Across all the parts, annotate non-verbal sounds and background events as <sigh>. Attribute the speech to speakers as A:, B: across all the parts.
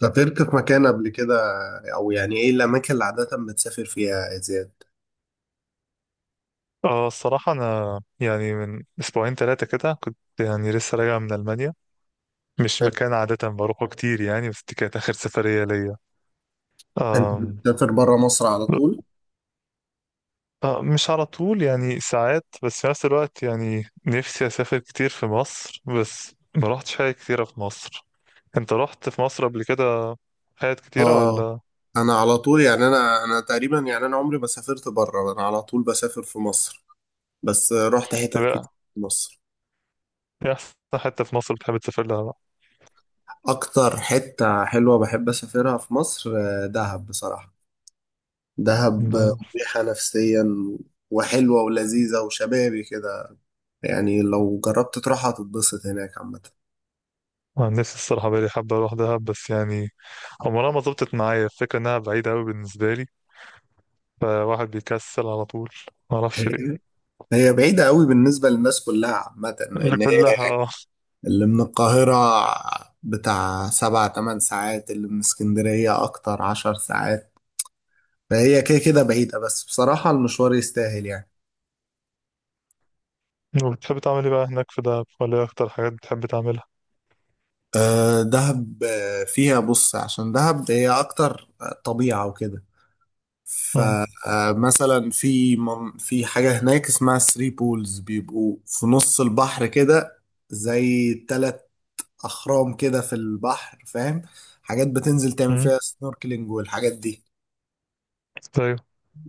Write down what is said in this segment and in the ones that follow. A: سافرت في مكان قبل كده؟ او يعني ايه الاماكن اللي عاده بتسافر فيها يا زياد؟
B: اه الصراحة أنا يعني من أسبوعين ثلاثة كده، كنت يعني لسه راجع من ألمانيا. مش
A: حلو.
B: مكان عادة بروحه كتير يعني، بس دي كانت آخر سفرية ليا.
A: انت
B: آم،
A: بتسافر بره مصر على طول؟
B: آه، مش على طول يعني ساعات، بس في نفس الوقت يعني نفسي أسافر كتير في مصر، بس ما روحتش حاجة كتيرة في مصر. أنت رحت في مصر قبل كده؟ حاجات كتيرة
A: اه،
B: ولا؟
A: انا على طول، يعني انا تقريبا، يعني انا عمري ما سافرت بره، انا على طول بسافر في مصر. بس رحت
B: طب
A: حتت
B: إيه
A: كتير في مصر.
B: أحسن حتة في مصر بتحب تسافر لها؟
A: اكتر حته حلوه بحب اسافرها في مصر، دهب بصراحه. دهب،
B: بقى؟
A: مريحه نفسيا وحلوه ولذيذه وشبابي كده. يعني لو جربت تروحها هتتبسط هناك عامه.
B: نفسي الصراحة بقالي حابة أروح دهب، بس يعني عمرها ما ظبطت معايا. الفكرة إنها بعيدة أوي بالنسبة لي، فواحد بيكسل على طول، معرفش
A: <laughs>
B: ليه.
A: هي بعيدة قوي بالنسبة للناس كلها عامة،
B: اللي
A: لأن هي
B: كلها، اه.
A: اللي من القاهرة بتاع 7 8 ساعات، اللي من اسكندرية أكتر 10 ساعات. فهي كده كده بعيدة، بس بصراحة المشوار يستاهل يعني.
B: وبتحب تعمل إيه بقى هناك في دهب، ولا إيه أكتر حاجات بتحب تعملها؟
A: أه دهب، فيها، بص، عشان دهب هي أكتر طبيعة وكده.
B: مم.
A: فمثلا في حاجة هناك اسمها ثري بولز، بيبقوا في نص البحر كده، زي 3 اخرام كده في البحر، فاهم؟ حاجات بتنزل تعمل
B: مم.
A: فيها سنوركلينج والحاجات دي.
B: أيوه.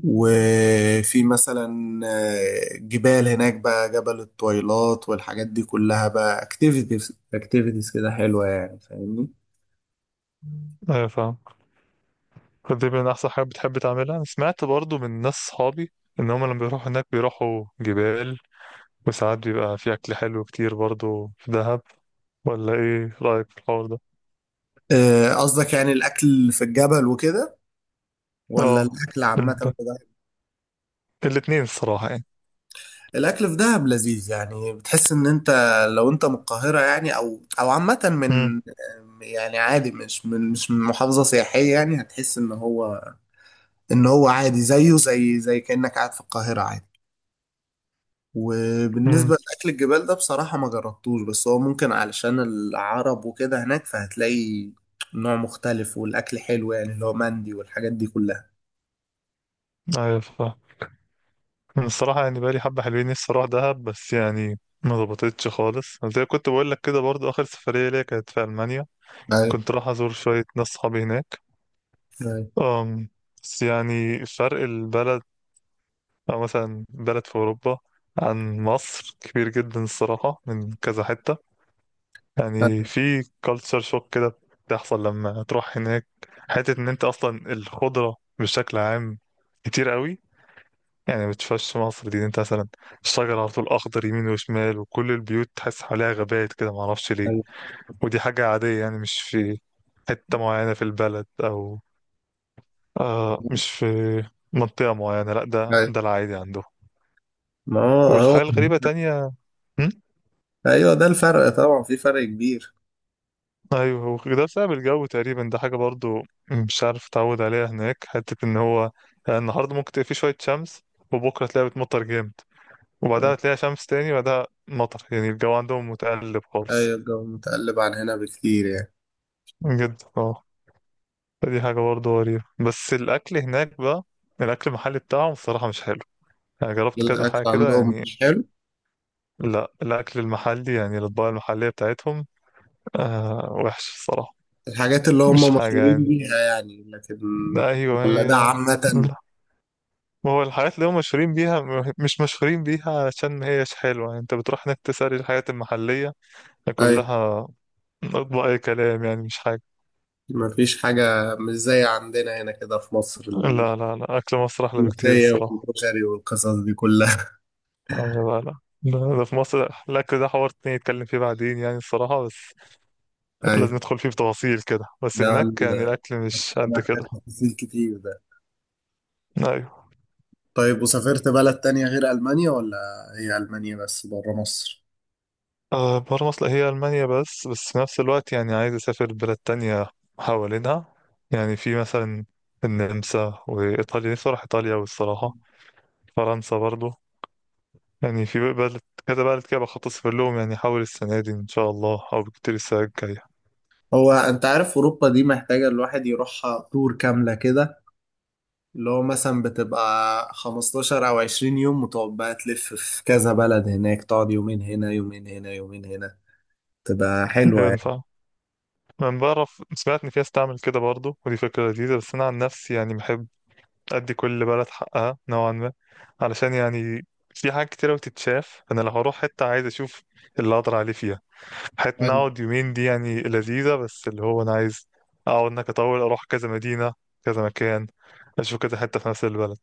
A: وفي مثلا جبال هناك بقى، جبل الطويلات والحاجات دي كلها بقى، اكتيفيتيز اكتيفيتيز كده حلوة يعني، فاهمني؟
B: أيوه فاهم. فدي من أحسن حاجات بتحب تعملها. أنا سمعت برضو من ناس صحابي، إن هما لما بيروحوا هناك بيروحوا جبال، وساعات بيبقى في أكل حلو كتير برضو في دهب، ولا إيه رأيك في الحوار ده؟
A: قصدك يعني الاكل في الجبل وكده، ولا
B: اه،
A: الاكل عامة
B: الب-
A: في دهب؟
B: الاتنين الصراحة يعني.
A: الاكل في دهب لذيذ يعني. بتحس ان انت لو انت من القاهرة يعني، او عامة
B: مم.
A: من يعني عادي، مش من محافظة سياحية يعني، هتحس ان هو، ان هو عادي زيه، زي كأنك قاعد في القاهرة عادي. وبالنسبة
B: مم.
A: لأكل الجبال ده بصراحة ما جربتوش، بس هو ممكن علشان العرب وكده هناك، فهتلاقي نوع مختلف والأكل حلو، يعني اللي هو مندي والحاجات دي كلها.
B: ايوه فاهم. أنا الصراحة يعني بقالي حبة حلوين نفسي أروح دهب، بس يعني ما ظبطتش خالص، زي كنت بقول لك كده. برضو آخر سفرية ليا كانت في ألمانيا.
A: ايوه،
B: كنت راح أزور شوية ناس صحابي هناك.
A: ايوه،
B: أم بس يعني فرق البلد، أو مثلا بلد في أوروبا، عن مصر كبير جدا الصراحة من كذا حتة. يعني في كالتشر شوك كده بتحصل لما تروح هناك. حتة إن أنت أصلا الخضرة بشكل عام كتير قوي، يعني ما تشوفش مصر دي، انت مثلا الشجر على طول اخضر يمين وشمال، وكل البيوت تحس حواليها غابات كده، ما اعرفش ليه.
A: ايوه،
B: ودي حاجة عادية، يعني مش في حتة معينة في البلد او، آه مش في منطقة معينة، لا ده
A: ايوه.
B: ده العادي عنده.
A: ما هو هو،
B: والحاجة الغريبة تانية. هم؟
A: أيوه، ده الفرق طبعا، في فرق كبير.
B: ايوه، هو ده بسبب الجو تقريبا، ده حاجة برضو مش عارف اتعود عليها هناك، حتة ان هو يعني النهاردة ممكن تلاقي فيه شوية شمس، وبكرة تلاقيها بتمطر جامد، وبعدها تلاقيها شمس تاني وبعدها مطر، يعني الجو عندهم متقلب خالص.
A: ايوه، الجو متقلب عن هنا بكتير يعني.
B: جدا اه. فدي حاجة برضه غريبة، بس الأكل هناك بقى، الأكل المحلي بتاعهم الصراحة مش حلو، يعني جربت كذا
A: الاكل
B: حاجة كده
A: عندهم
B: يعني.
A: مش حلو؟
B: لا الأكل المحلي، يعني الأطباق المحلية بتاعتهم آه وحشة الصراحة.
A: الحاجات اللي
B: مش
A: هم
B: حاجة
A: مشهورين
B: يعني.
A: بيها يعني، لكن؟
B: لا، أيوه
A: ولا ده
B: هي.
A: عامة؟
B: لا. ما هو الحاجات اللي هم مشهورين بيها، مش مشهورين بيها عشان ما هيش حلوة، يعني أنت بتروح هناك تسأل الحاجات المحلية
A: ايوه،
B: كلها، أطباق أي كلام، يعني مش حاجة.
A: مفيش حاجة، مش زي عندنا هنا كده في مصر،
B: لا لا لا، أكل مصر أحلى بكتير
A: الملوخية
B: الصراحة.
A: والكشري والقصص دي كلها.
B: لا. لا. ده في مصر، لا كده حوار تاني نتكلم فيه بعدين يعني الصراحة، بس
A: <laughs>
B: لازم
A: أيوة،
B: ندخل فيه بتفاصيل كده. بس
A: ده
B: هناك
A: ال-
B: يعني الأكل مش
A: ده
B: قد
A: محتاج
B: كده.
A: تفاصيل كتير ده.
B: أيوة.
A: طيب، وسافرت بلد تانية غير ألمانيا، ولا هي ألمانيا بس بره مصر؟
B: آه، بره مصر هي ألمانيا بس، بس في نفس الوقت يعني عايز أسافر بلاد تانية حوالينها. يعني في مثلا النمسا وإيطاليا، نفسي أروح إيطاليا، والصراحة فرنسا برضو. يعني في بلد، كذا بلد كده بخطط أسافر لهم، يعني أحاول السنة دي إن شاء الله أو بكتير السنة الجاية.
A: هو أنت عارف أوروبا دي محتاجة الواحد يروحها تور كاملة كده، اللي هو مثلا بتبقى 15 أو 20 يوم، وتقعد بقى تلف في كذا بلد هناك، تقعد يومين هنا، يومين هنا، يومين هنا، تبقى حلوة يعني.
B: ينفع. انا بعرف، سمعت ان في ناس تعمل كده برضه، ودي فكره لذيذه، بس انا عن نفسي يعني بحب ادي كل بلد حقها نوعا ما، علشان يعني في حاجات كتيره بتتشاف. انا لو هروح حته عايز اشوف اللي اقدر عليه فيها. حته
A: أيوة.
B: نقعد يومين دي يعني لذيذه، بس اللي هو انا عايز اقعد انك اطول، اروح كذا مدينه، كذا مكان، اشوف كذا حته في نفس البلد،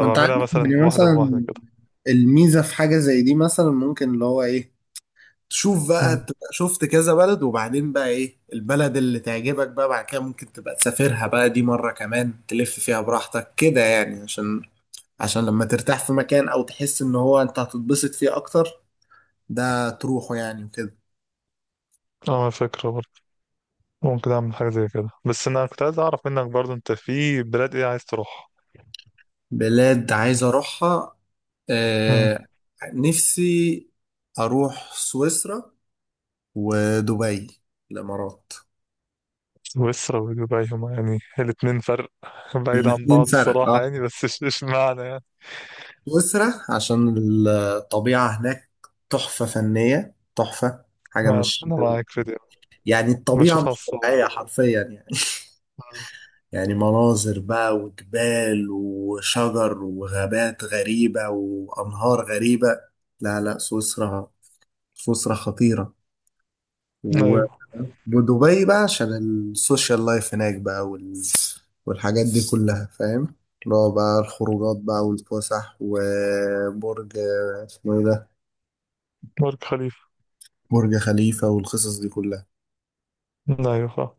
A: ما انت عارف
B: مثلا
A: يعني
B: واحده بواحده
A: مثلا،
B: كده.
A: الميزة في حاجة زي دي مثلا، ممكن اللي هو ايه، تشوف بقى،
B: امم.
A: تبقى شفت كذا بلد، وبعدين بقى ايه البلد اللي تعجبك بقى، بعد كده ممكن تبقى تسافرها بقى دي مرة كمان تلف فيها براحتك كده، يعني عشان لما ترتاح في مكان، او تحس ان هو انت هتتبسط فيه اكتر، ده تروحه يعني وكده.
B: اه، فكره برضه، ممكن اعمل حاجه زي كده. بس انا كنت عايز اعرف منك برضه، انت في بلاد ايه عايز تروح؟
A: بلاد عايز اروحها، آه، نفسي اروح سويسرا ودبي، الامارات.
B: سويسرا ودبي، هما يعني الاتنين فرق <laughs> بعيد عن
A: الاثنين
B: بعض
A: فرق، اه.
B: الصراحة يعني، بس اشمعنى يعني.
A: سويسرا عشان الطبيعة هناك، تحفة فنية، تحفة، حاجة
B: أنا
A: مش
B: معاك في دي.
A: يعني، الطبيعة
B: بشوفها على
A: مش
B: الصور.
A: طبيعية حرفيا يعني. <laughs> يعني مناظر بقى، وجبال وشجر وغابات غريبة وأنهار غريبة. لا لا، سويسرا، سويسرا خطيرة.
B: مم.
A: و-
B: أيوه.
A: ودبي بقى، عشان السوشيال لايف هناك بقى، والحاجات دي كلها، فاهم؟ اللي هو بقى الخروجات بقى والفسح، وبرج اسمه ايه ده؟
B: برج خليفة.
A: برج خليفة والقصص دي كلها.
B: أيوه فاهم.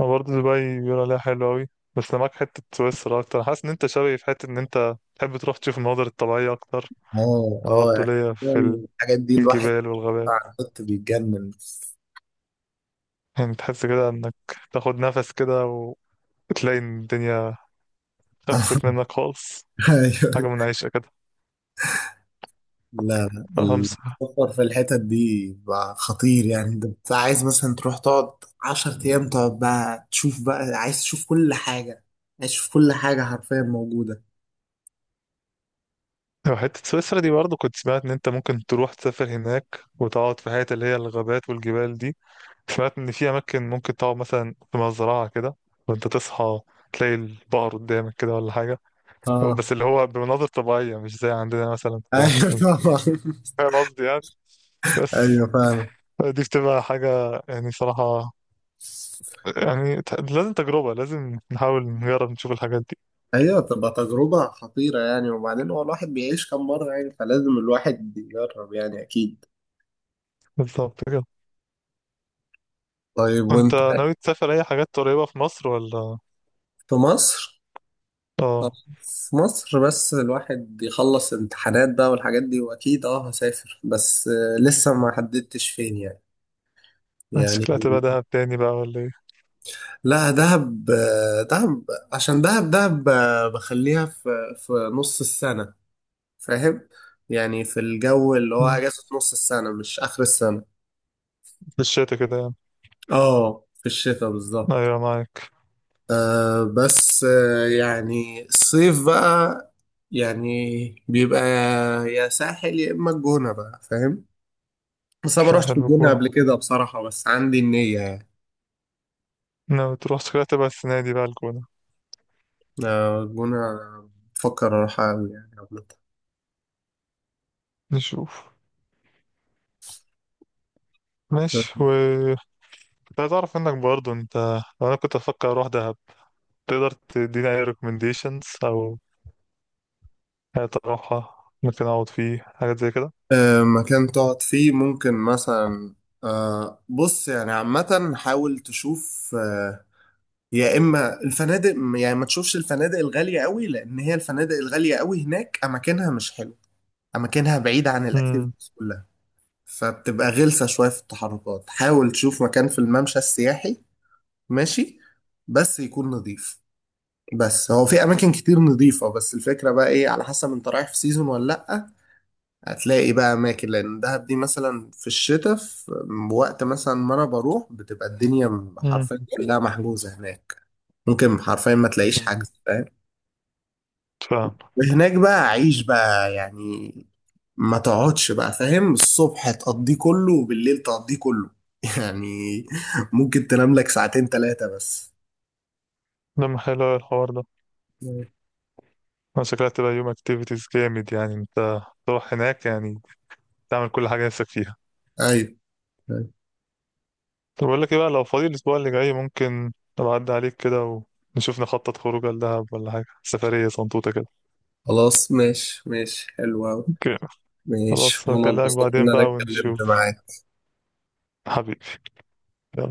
B: أنا برضه دبي بيقول عليها حلوة أوي. بس أنا معاك حتة سويسرا أكتر. أنا حاسس إن أنت شبهي في حتة إن أنت تحب تروح تشوف المناظر الطبيعية أكتر.
A: اه،
B: أنا
A: اه،
B: برضه
A: يعني
B: ليا
A: حرفياً
B: في
A: الحاجات دي،
B: في
A: الواحد
B: الجبال والغابات.
A: على النت بيتجنن.
B: يعني تحس كده إنك تاخد نفس كده، وتلاقي إن الدنيا خفت
A: <laughs>
B: منك خالص.
A: ايوه.
B: حاجة منعشة كده.
A: لا لا،
B: خمسة.
A: السفر في الحتت دي بقى خطير يعني. انت عايز مثلا تروح تقعد 10 ايام، تقعد بقى تشوف بقى، عايز تشوف كل حاجة، عايز تشوف كل حاجة حرفيا موجودة.
B: لو حتة سويسرا دي برضه، كنت سمعت إن أنت ممكن تروح تسافر هناك، وتقعد في حتة اللي هي الغابات والجبال دي. سمعت إن في أماكن ممكن تقعد مثلا في مزرعة كده، وأنت تصحى تلاقي البقر قدامك كده ولا حاجة. هو
A: اه.
B: بس اللي هو بمناظر طبيعية مش زي عندنا مثلا في مصر.
A: ايوه طبعا. <laughs>
B: فاهم قصدي يعني. بس
A: ايوه فعلا.
B: دي بتبقى حاجة، يعني صراحة يعني لازم تجربة، لازم نحاول نجرب نشوف الحاجات دي.
A: ايوه، بتبقى تجربة خطيرة يعني. وبعدين هو الواحد بيعيش كم مرة يعني، فلازم الواحد يجرب يعني، اكيد.
B: بالظبط كده.
A: طيب،
B: وأنت
A: وانت؟
B: ناوي تسافر أي حاجات قريبة في مصر ولا؟
A: في مصر. طب،
B: آه.
A: في مصر بس الواحد يخلص امتحانات بقى والحاجات دي، واكيد اه هسافر، بس لسه ما حددتش فين يعني
B: شكلها تبقى دهب تاني بقى ولا إيه؟
A: لا دهب، دهب، عشان دهب، بخليها في نص السنة، فاهم؟ يعني في الجو اللي هو
B: مم.
A: اجازة نص السنة مش اخر السنة.
B: في الشتا كده يعني.
A: اه، في الشتاء بالظبط.
B: أيوة معاك.
A: آه بس آه يعني الصيف بقى يعني بيبقى يا ساحل، يا إما الجونة بقى، فاهم؟ بس أنا ما
B: لا،
A: روحتش
B: حلو
A: الجونة
B: الجونة.
A: قبل كده بصراحة، بس عندي النية يعني.
B: ناوي تروح، شكلها تبقى السنة دي بقى الجونة.
A: آه الجونة، بفكر أروحها أوي يعني عامة.
B: نشوف. ماشي، و كنت عايز أعرف منك برضه أنت، لو أنا كنت أفكر أروح دهب، تقدر تديني أي recommendations أو حاجة أروحها، ممكن أقعد فيه حاجات زي كده.
A: مكان تقعد فيه ممكن مثلا، بص يعني عامة، حاول تشوف، يا إما الفنادق يعني. ما تشوفش الفنادق الغالية قوي، لأن هي الفنادق الغالية قوي هناك أماكنها مش حلوة، أماكنها بعيدة عن
B: امم.
A: الأكتيفيتيز كلها، فبتبقى غلسة شوية في التحركات. حاول تشوف مكان في الممشى السياحي، ماشي، بس يكون نظيف. بس هو في أماكن كتير نظيفة. بس الفكرة بقى إيه، على حسب أنت رايح في سيزون ولا لأ. هتلاقي بقى أماكن، لأن دهب دي مثلا في الشتاء، في وقت مثلا ما أنا بروح، بتبقى الدنيا
B: امم.
A: حرفيا كلها محجوزة هناك. ممكن حرفيا ما تلاقيش حجز، فاهم؟
B: فاهم.
A: هناك بقى عيش بقى يعني، ما تقعدش بقى، فاهم، الصبح تقضيه كله وبالليل تقضيه كله، <laughs> يعني ممكن تنام لك ساعتين 3 بس.
B: لما حلو أوي الحوار ده. أنا شكلها تبقى يوم activities جامد يعني، أنت تروح هناك يعني تعمل كل حاجة نفسك فيها.
A: ايوه. أيوة.
B: طب أقول لك إيه بقى، لو فاضي الأسبوع اللي جاي ممكن أبقى أعدي عليك كده، ونشوف نخطط خروجة لدهب، ولا حاجة سفرية صنطوطة كده.
A: خلاص ماشي، ماشي، حلو أوي.
B: أوكي.
A: ماشي،
B: خلاص،
A: وأنا
B: هكلمك
A: اتبسطت إن
B: بعدين
A: أنا
B: بقى
A: اتكلمت
B: ونشوف.
A: معاك.
B: حبيبي. يلا.